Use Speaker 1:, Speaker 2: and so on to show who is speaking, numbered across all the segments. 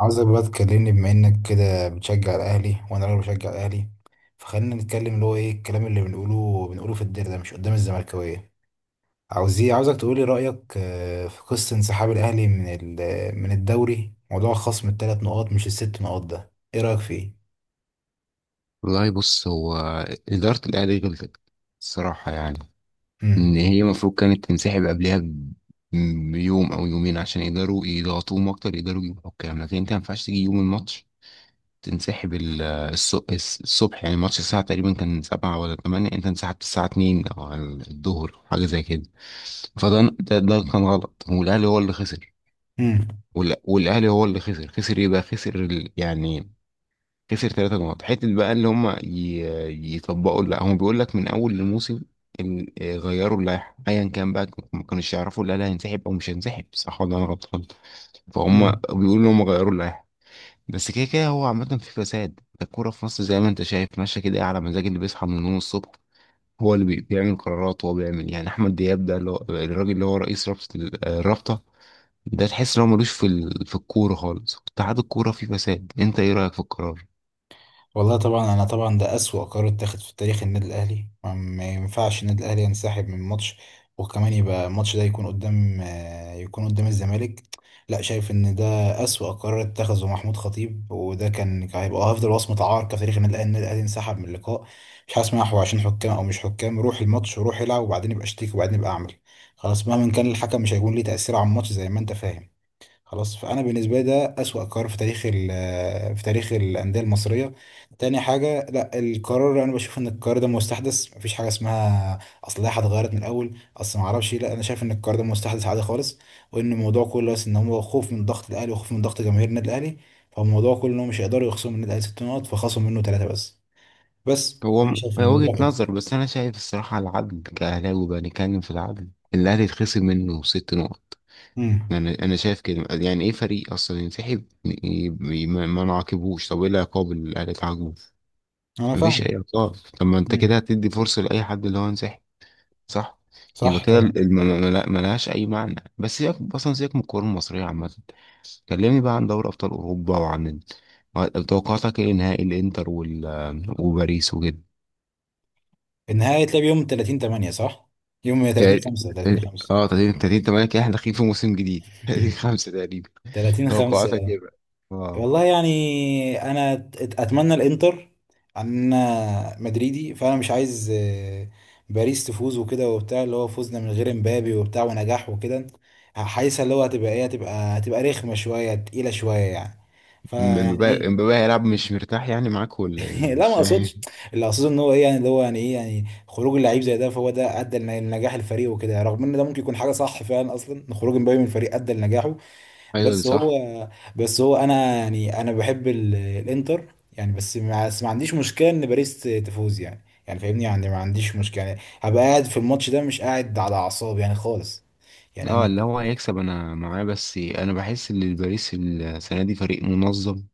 Speaker 1: عاوزك بقى تكلمني بما انك كده بتشجع الاهلي وانا راجل بشجع الاهلي. فخلينا نتكلم اللي هو ايه الكلام اللي بنقوله في الدير ده، مش قدام الزملكاويه. عاوز ايه؟ عاوزك تقولي رايك، في قصه انسحاب الاهلي من الدوري، موضوع خصم الثلاث نقاط مش الست نقاط، ده ايه رايك فيه؟
Speaker 2: والله بص هو، إدارة الأهلي غلطت الصراحة، يعني إن
Speaker 1: امم.
Speaker 2: هي المفروض كانت تنسحب قبلها بيوم أو يومين عشان يقدروا يضغطوهم أكتر، يقدروا يجيبوا حكام. لكن أنت مينفعش تيجي يوم الماتش تنسحب الصبح. يعني الماتش الساعة تقريبا كان سبعة ولا تمانية، أنت انسحبت الساعة اتنين أو على الظهر حاجة زي كده. فده ده, ده كان غلط والأهلي هو اللي خسر. والأهلي هو اللي خسر. خسر إيه بقى؟ خسر يعني خسر 3 نقط حتة بقى اللي هم يطبقوا. لا، هم بيقول لك من أول الموسم غيروا اللائحة، أيا كان بقى، ما كانوش يعرفوا لا لا هينسحب أو مش هينسحب، صح ولا أنا غلطان؟ فهم
Speaker 1: امم.
Speaker 2: بيقولوا إن هم غيروا اللائحة. بس كده كده هو عامة في فساد الكورة في مصر، زي ما أنت شايف ماشية كده، إيه، على مزاج اللي بيصحى من النوم الصبح هو اللي بيعمل قرارات. هو بيعمل يعني أحمد دياب ده اللي هو الراجل اللي هو رئيس رابطة الرابطة ده، تحس إن هو ملوش في في الكورة خالص. اتحاد الكورة فيه فساد. أنت إيه رأيك في القرار؟
Speaker 1: والله طبعا، انا طبعا ده اسوأ قرار اتاخد في تاريخ النادي الاهلي. ما ينفعش النادي الاهلي ينسحب من ماتش، وكمان يبقى الماتش ده يكون قدام الزمالك. لا، شايف ان ده اسوأ قرار اتخذه محمود خطيب، وده كان هيبقى افضل وصمة عار في تاريخ النادي الاهلي. النادي الاهلي انسحب من اللقاء؟ مش هسمع. هو عشان حكام او مش حكام، روح الماتش وروح العب، وبعدين يبقى اشتكي وبعدين يبقى اعمل. خلاص، مهما كان الحكم مش هيكون ليه تأثير على الماتش، زي ما انت فاهم. خلاص. فانا بالنسبه لي ده اسوأ قرار في تاريخ الانديه المصريه. تاني حاجه، لا القرار، انا بشوف ان القرار ده مستحدث، مفيش حاجه اسمها اصل لائحه اتغيرت من الاول، اصل ما اعرفش إيه. لا، انا شايف ان القرار ده مستحدث عادي خالص، وان الموضوع كله بس ان هو خوف من ضغط الاهلي وخوف من ضغط جماهير النادي الاهلي. فالموضوع كله ان هم مش هيقدروا يخصموا من النادي الاهلي ست نقط فخصموا منه ثلاثه بس
Speaker 2: هو
Speaker 1: انا شايف ان
Speaker 2: وجهة
Speaker 1: الموضوع كده.
Speaker 2: نظر، بس أنا شايف الصراحة العدل، كأهلاوي بقى نتكلم في العدل، الأهلي يتخصم منه 6 نقط.
Speaker 1: امم.
Speaker 2: يعني أنا شايف كده. يعني إيه فريق أصلا ينسحب ما نعاقبوش؟ طب إيه العقاب اللي الأهلي اتعاقبه؟
Speaker 1: انا
Speaker 2: مفيش
Speaker 1: فاهم.
Speaker 2: أي عقاب. طب ما أنت كده
Speaker 1: امم.
Speaker 2: هتدي فرصة لأي حد اللي هو ينسحب، صح؟ يبقى
Speaker 1: صح
Speaker 2: كده
Speaker 1: طبعا.
Speaker 2: ملهاش أي معنى. بس سيبك أصلا، سيبك من الكورة المصرية عامة. كلمني بقى عن دوري أبطال أوروبا وعن توقعاتك إيه؟ نهائي الإنتر وباريس وكده.
Speaker 1: النهائي هيتلعب يوم 30 8، صح؟ يوم 30
Speaker 2: تق-
Speaker 1: 5. 30 5.
Speaker 2: اه 30 30 8 كده احنا داخلين في موسم جديد 30 5 تقريبا.
Speaker 1: 30
Speaker 2: توقعاتك
Speaker 1: 5.
Speaker 2: ايه بقى؟ اه.
Speaker 1: والله يعني، انا اتمنى الانتر، عن انا مدريدي، فانا مش عايز باريس تفوز وكده وبتاع، اللي هو فوزنا من غير امبابي وبتاع ونجاح وكده، حاسسها اللي هو هتبقى ايه، هتبقى رخمه شويه، تقيله شويه يعني. فيعني
Speaker 2: امبابي
Speaker 1: ايه.
Speaker 2: امبابي هيلعب مش مرتاح يعني معاك، ولا ايه؟
Speaker 1: لا، ما
Speaker 2: مش فاهم
Speaker 1: اقصدش. اللي اقصده ان هو ايه يعني، اللي هو يعني ايه، يعني خروج اللعيب زي ده، فهو ده ادى لنجاح الفريق وكده، رغم ان ده ممكن يكون حاجه صح فعلا، اصلا ان خروج امبابي من الفريق ادى لنجاحه.
Speaker 2: ايوه، دي
Speaker 1: بس هو
Speaker 2: صح.
Speaker 1: بس هو انا يعني، انا بحب الانتر يعني، بس ما عنديش مشكله ان باريس تفوز يعني، يعني فاهمني يعني، ما عنديش مشكله. يعني هبقى قاعد في الماتش ده مش قاعد على اعصابي يعني خالص. يعني
Speaker 2: اه
Speaker 1: انا.
Speaker 2: اللي هو هيكسب انا معاه، بس انا بحس ان الباريس السنه دي فريق منظم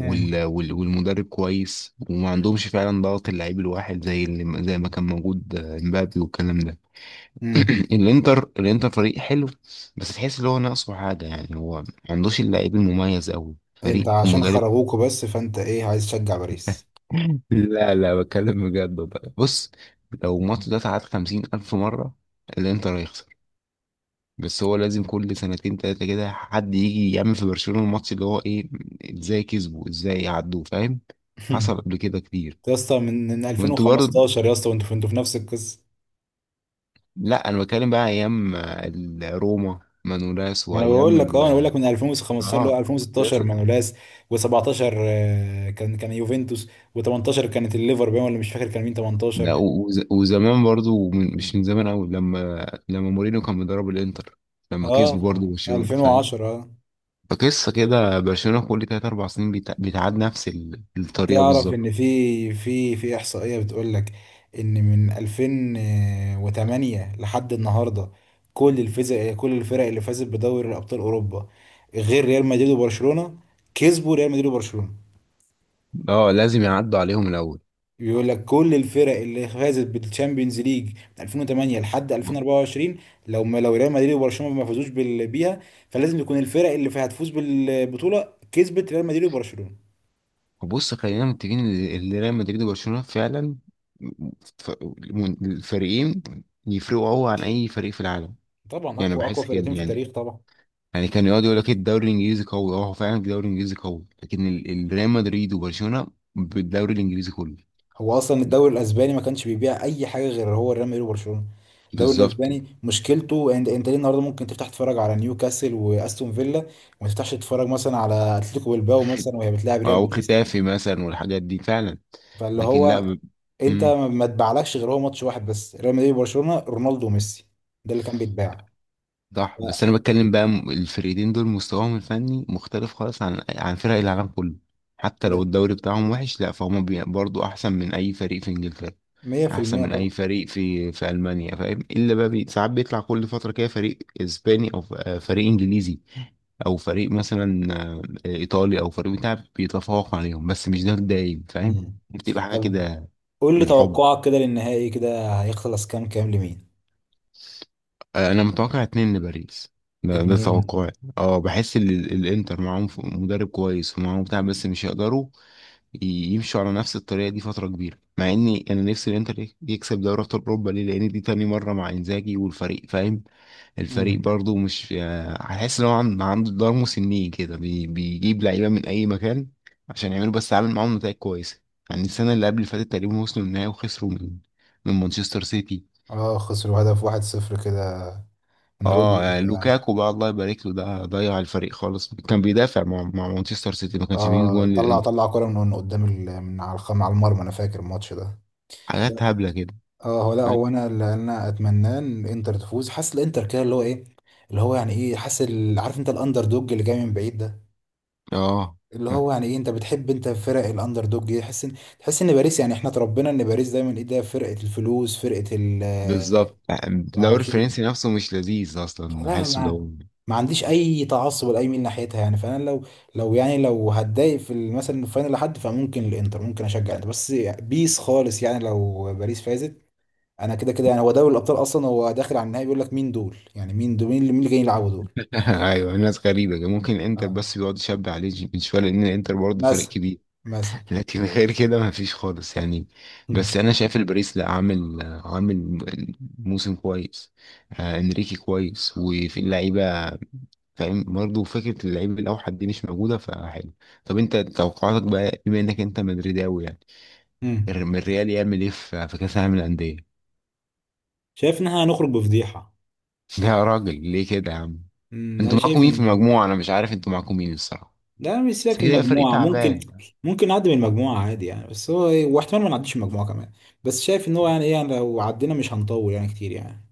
Speaker 2: والمدرب كويس، وما عندهمش فعلا ضغط اللعيب الواحد زي ما كان موجود، امبابي والكلام ده.
Speaker 1: امم.
Speaker 2: الانتر فريق حلو، بس تحس ان هو ناقصه حاجه. يعني هو ما عندوش اللعيب المميز قوي،
Speaker 1: انت
Speaker 2: فريق
Speaker 1: عشان
Speaker 2: مدرب.
Speaker 1: خرجوكوا بس فانت ايه؟ عايز تشجع باريس.
Speaker 2: لا لا، بتكلم بجد. والله بص، لو الماتش ده اتعاد 50,000 مرة الإنتر هيخسر. بس هو لازم كل سنتين تلاتة كده حد يجي يعمل في برشلونة الماتش اللي هو إيه، إزاي كسبوا، إزاي عدوا، فاهم؟ حصل قبل كده كتير.
Speaker 1: يا اسطى، من
Speaker 2: وأنتوا برضه.
Speaker 1: 2015 يا اسطى، وانتوا انتوا في نفس القصه.
Speaker 2: لأ أنا بتكلم بقى أيام روما مانولاس،
Speaker 1: ما انا
Speaker 2: وأيام
Speaker 1: بقول لك اه انا بقول لك من 2015، اللي
Speaker 2: آه.
Speaker 1: هو 2016 مانولاس، و17 كان يوفنتوس. و18 كانت الليفر باين، ولا مش فاكر كان مين
Speaker 2: لا
Speaker 1: 18.
Speaker 2: وزمان برضو مش من زمان قوي لما مورينيو كان بيدرب الانتر، لما
Speaker 1: اه،
Speaker 2: كسبوا برضو
Speaker 1: في
Speaker 2: برشلونة فاهم.
Speaker 1: 2010.
Speaker 2: فقصة كده برشلونة كل تلات أربع سنين بتعاد نفس الطريقة
Speaker 1: تعرف
Speaker 2: بالظبط.
Speaker 1: ان في احصائيه بتقول لك ان من 2008 لحد النهارده، كل الفرق اللي فازت بدوري الابطال اوروبا غير ريال مدريد وبرشلونه، كسبوا ريال مدريد وبرشلونه.
Speaker 2: اه لازم يعدوا عليهم الأول.
Speaker 1: بيقول لك كل الفرق اللي فازت بالتشامبيونز ليج من 2008 لحد 2024، لو ريال مدريد وبرشلونه ما فازوش بيها، فلازم يكون الفرق اللي فيها هتفوز بالبطوله كسبت ريال مدريد وبرشلونه.
Speaker 2: بص خلينا متفقين إن ريال مدريد وبرشلونة فعلا، ف- الفريقين يفرقوا قوي عن أي فريق في العالم.
Speaker 1: طبعا،
Speaker 2: يعني
Speaker 1: اقوى
Speaker 2: بحس كده.
Speaker 1: فرقتين في
Speaker 2: يعني
Speaker 1: التاريخ طبعا.
Speaker 2: يعني كان يقعد يقول لك الدوري الانجليزي قوي، اه هو فعلا الدوري الانجليزي قوي، لكن ريال مدريد وبرشلونه بالدوري الانجليزي كله.
Speaker 1: هو اصلا الدوري الاسباني ما كانش بيبيع اي حاجه غير هو ريال مدريد وبرشلونه. الدوري
Speaker 2: بالظبط.
Speaker 1: الاسباني مشكلته، انت ليه النهارده ممكن تفتح تتفرج على نيوكاسل واستون فيلا، وما تفتحش تتفرج مثلا على اتلتيكو بالباو
Speaker 2: خت-
Speaker 1: مثلا وهي بتلاعب ريال
Speaker 2: او
Speaker 1: بيتيس.
Speaker 2: ختافي مثلا والحاجات دي فعلا.
Speaker 1: فاللي
Speaker 2: لكن لا
Speaker 1: هو، انت
Speaker 2: مم.
Speaker 1: ما اتباعلكش غير هو ماتش واحد بس، ريال مدريد وبرشلونه، رونالدو وميسي، ده اللي كان بيتباع.
Speaker 2: صح.
Speaker 1: لا،
Speaker 2: بس انا بتكلم بقى الفرقتين دول مستواهم الفني مختلف خالص عن فرق العالم كله. حتى لو
Speaker 1: ده
Speaker 2: الدوري بتاعهم وحش، لا فهم برضو احسن من اي فريق في انجلترا، احسن
Speaker 1: 100%
Speaker 2: من اي
Speaker 1: طبعا.
Speaker 2: فريق في المانيا، فاهم؟ الا بقى ساعات بيطلع كل فتره كده فريق اسباني او فريق انجليزي، او فريق مثلا، ايطالي، او فريق بتاع بيتفوق عليهم، بس مش ده الدايم فاهم.
Speaker 1: مم.
Speaker 2: بتبقى حاجه
Speaker 1: طب
Speaker 2: كده.
Speaker 1: قول لي
Speaker 2: بالحب،
Speaker 1: توقعك كده للنهائي، كده هيخلص كام كام لمين؟
Speaker 2: انا متوقع اتنين لباريس. ده
Speaker 1: اتنين.
Speaker 2: توقعي. اه بحس ان الانتر معاهم مدرب كويس ومعاهم بتاع، بس مش هيقدروا ي- يمشوا على نفس الطريقه دي فتره كبيره، مع اني انا نفسي الانتر يكسب دوري ابطال اوروبا، ليه؟ لان دي تاني مره مع انزاجي، والفريق فاهم. الفريق
Speaker 1: مم.
Speaker 2: برضو مش، هحس ان هو عنده دار مسنين كده، بيجيب لعيبه من اي مكان عشان يعملوا، بس عامل معاهم نتائج كويسه. يعني السنه اللي قبل اللي فاتت تقريبا وصلوا النهائي وخسروا من مانشستر سيتي.
Speaker 1: اه، خسروا هدف واحد صفر كده، من رودري
Speaker 2: اه
Speaker 1: وبتاع.
Speaker 2: لوكاكو بقى الله يبارك له، ده ضيع الفريق خالص، كان بيدافع مع مانشستر سيتي، ما كانش بيجي
Speaker 1: اه،
Speaker 2: جوان
Speaker 1: طلع
Speaker 2: للانتر.
Speaker 1: طلع كرة من قدام من على على المرمى، انا فاكر الماتش ده.
Speaker 2: حاجات
Speaker 1: لا.
Speaker 2: هبله كده.
Speaker 1: اه هو لا
Speaker 2: فاهم.
Speaker 1: هو انا اللي انا اتمناه ان انتر تفوز. حاسس الانتر كده اللي هو ايه، اللي هو يعني ايه، عارف انت الاندر دوج اللي جاي من بعيد ده،
Speaker 2: اه
Speaker 1: اللي هو يعني ايه، انت بتحب فرق الاندر دوج دي، تحس ان باريس يعني، احنا اتربينا ان باريس دايما ايه، ده فرقه الفلوس، فرقه ال آه،
Speaker 2: بالظبط. يعني
Speaker 1: ما
Speaker 2: الدوري
Speaker 1: اعرفش
Speaker 2: الفرنسي
Speaker 1: ايه.
Speaker 2: نفسه مش لذيذ اصلا،
Speaker 1: لا،
Speaker 2: بحس ده
Speaker 1: ما عنديش اي تعصب لاي ميل ناحيتها يعني. فانا لو لو يعني لو هتضايق في مثلا الفاينل لحد، فممكن الانتر، ممكن اشجع الانتر، بس بيس خالص يعني لو باريس فازت. انا كده كده يعني، هو دوري الابطال اصلا هو داخل على النهائي، بيقول لك مين دول يعني، مين دول، مين اللي جايين يلعبوا دول.
Speaker 2: ايوه، الناس غريبه كده. ممكن الانتر
Speaker 1: آه.
Speaker 2: بس بيقعد يشبع عليه من شويه، لان الانتر برضه فريق
Speaker 1: مثلا.
Speaker 2: كبير
Speaker 1: مثلا.
Speaker 2: لكن غير كده ما فيش خالص يعني.
Speaker 1: مم.
Speaker 2: بس انا شايف الباريس لا، عامل موسم كويس. آه انريكي كويس وفي اللعيبه، فاهم برضه. فكره اللعيب الاوحد دي مش موجوده، فحلو. طب انت توقعاتك بقى، بما انك انت مدريداوي يعني،
Speaker 1: مم.
Speaker 2: الريال يعمل ايه في كاس العالم للانديه؟
Speaker 1: شايف ان احنا هنخرج بفضيحه.
Speaker 2: ده يا راجل ليه كده يا عم.
Speaker 1: انا
Speaker 2: انتوا معاكم
Speaker 1: شايف
Speaker 2: مين في
Speaker 1: ان،
Speaker 2: المجموعه؟ انا مش عارف انتوا معاكم مين الصراحه.
Speaker 1: لا مش،
Speaker 2: بس
Speaker 1: سيبك
Speaker 2: كده
Speaker 1: من
Speaker 2: يبقى فريق
Speaker 1: المجموعه، ممكن
Speaker 2: تعبان.
Speaker 1: ممكن نعدي من المجموعه عادي يعني، بس هو ايه، واحتمال ما نعديش من المجموعه كمان. بس شايف ان هو يعني ايه، يعني لو عدينا مش هنطول يعني كتير يعني.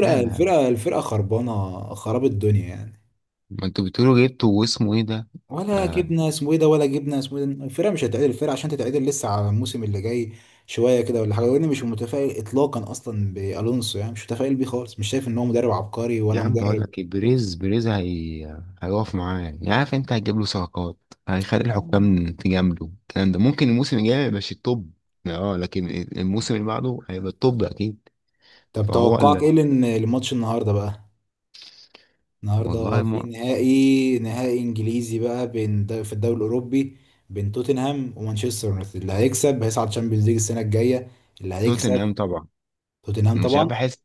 Speaker 2: لا لا،
Speaker 1: الفرقه الفرقه خربانه خراب الدنيا يعني.
Speaker 2: ما انتوا بتقولوا جبته واسمه ايه ده.
Speaker 1: ولا
Speaker 2: آه.
Speaker 1: جبنا اسمه ايه ده، ولا جبنا اسمه ايه ده، الفرقه مش هتتعدل. الفرقه عشان تتعدل لسه على الموسم اللي جاي شويه كده ولا حاجه. وانا مش متفائل اطلاقا، اصلا بالونسو يعني مش متفائل بيه خالص، مش شايف ان هو مدرب عبقري
Speaker 2: يا
Speaker 1: ولا
Speaker 2: عم بقول
Speaker 1: مدرب.
Speaker 2: لك ايه، بريز هيقف معاه، يعني عارف انت هتجيب له صفقات، هيخلي الحكام تجامله، الكلام ده ممكن الموسم الجاي ما يبقاش التوب، اه لكن الموسم اللي بعده هيبقى التوب اكيد.
Speaker 1: طب
Speaker 2: فهو
Speaker 1: توقعك
Speaker 2: اللي.
Speaker 1: ايه للماتش النهارده بقى؟ النهارده
Speaker 2: والله
Speaker 1: في
Speaker 2: ما...
Speaker 1: نهائي انجليزي بقى، في الدوري الاوروبي، بين توتنهام ومانشستر يونايتد. اللي هيكسب هيصعد تشامبيونز ليج السنه الجايه. اللي هيكسب؟
Speaker 2: توتنهام طبعا.
Speaker 1: توتنهام
Speaker 2: مش عارف،
Speaker 1: طبعا.
Speaker 2: بحس.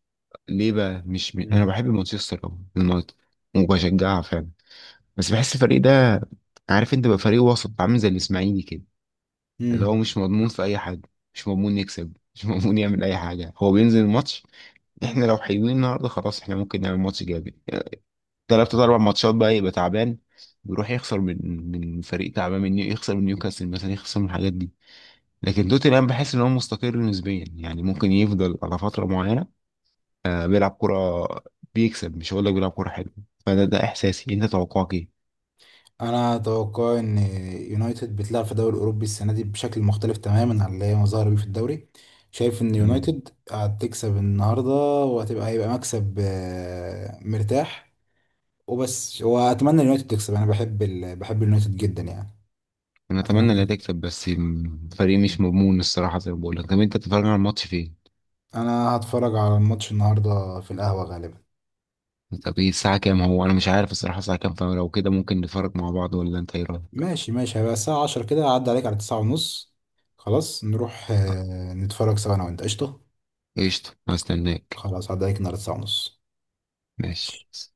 Speaker 2: ليه بقى؟ مش انا
Speaker 1: مم.
Speaker 2: بحب مانشستر أوي، يونايتد، وبشجعها فعلا، بس بحس الفريق ده، عارف انت بقى، فريق وسط عامل زي الاسماعيلي كده، اللي هو
Speaker 1: مم.
Speaker 2: مش مضمون في اي حاجه، مش مضمون يكسب مش مضمون يعمل اي حاجه، هو بينزل الماتش احنا لو حلوين النهارده خلاص احنا ممكن نعمل ماتش جامد، تلات اربع ماتشات بقى يبقى تعبان بيروح يخسر من فريق تعبان، من يخسر من نيوكاسل مثلا، يخسر من الحاجات دي. لكن توتنهام بحس ان هو مستقر نسبيا، يعني ممكن يفضل على فتره معينه، بيلعب كرة، بيكسب، مش هقول لك بيلعب كرة حلوة. فده احساسي. انت توقعك ايه؟
Speaker 1: انا اتوقع ان يونايتد بتلعب في الدوري الاوروبي السنه دي بشكل مختلف تماما عن اللي هي ظاهره بيه في الدوري. شايف ان
Speaker 2: مم.
Speaker 1: يونايتد هتكسب النهارده، هيبقى مكسب مرتاح. وبس، واتمنى اليونايتد تكسب، انا بحب اليونايتد جدا يعني.
Speaker 2: انا اتمنى انها
Speaker 1: اتمنى.
Speaker 2: تكسب بس الفريق مش مضمون الصراحة زي ما بقول لك. طب انت بتتفرج على الماتش فين؟
Speaker 1: انا هتفرج على الماتش النهارده في القهوه غالبا.
Speaker 2: طب ايه الساعة كام؟ هو انا مش عارف الصراحة الساعة كام، فلو كده ممكن نتفرج مع بعض، ولا انت ايه رأيك؟
Speaker 1: ماشي ماشي، هيبقى الساعه 10 كده، هعدي عليك على 9 ونص. خلاص، نروح نتفرج سوا انا وانت، قشطه.
Speaker 2: قشطة هستناك.
Speaker 1: خلاص هعدي عليك النهارده 9 ونص.
Speaker 2: ماشي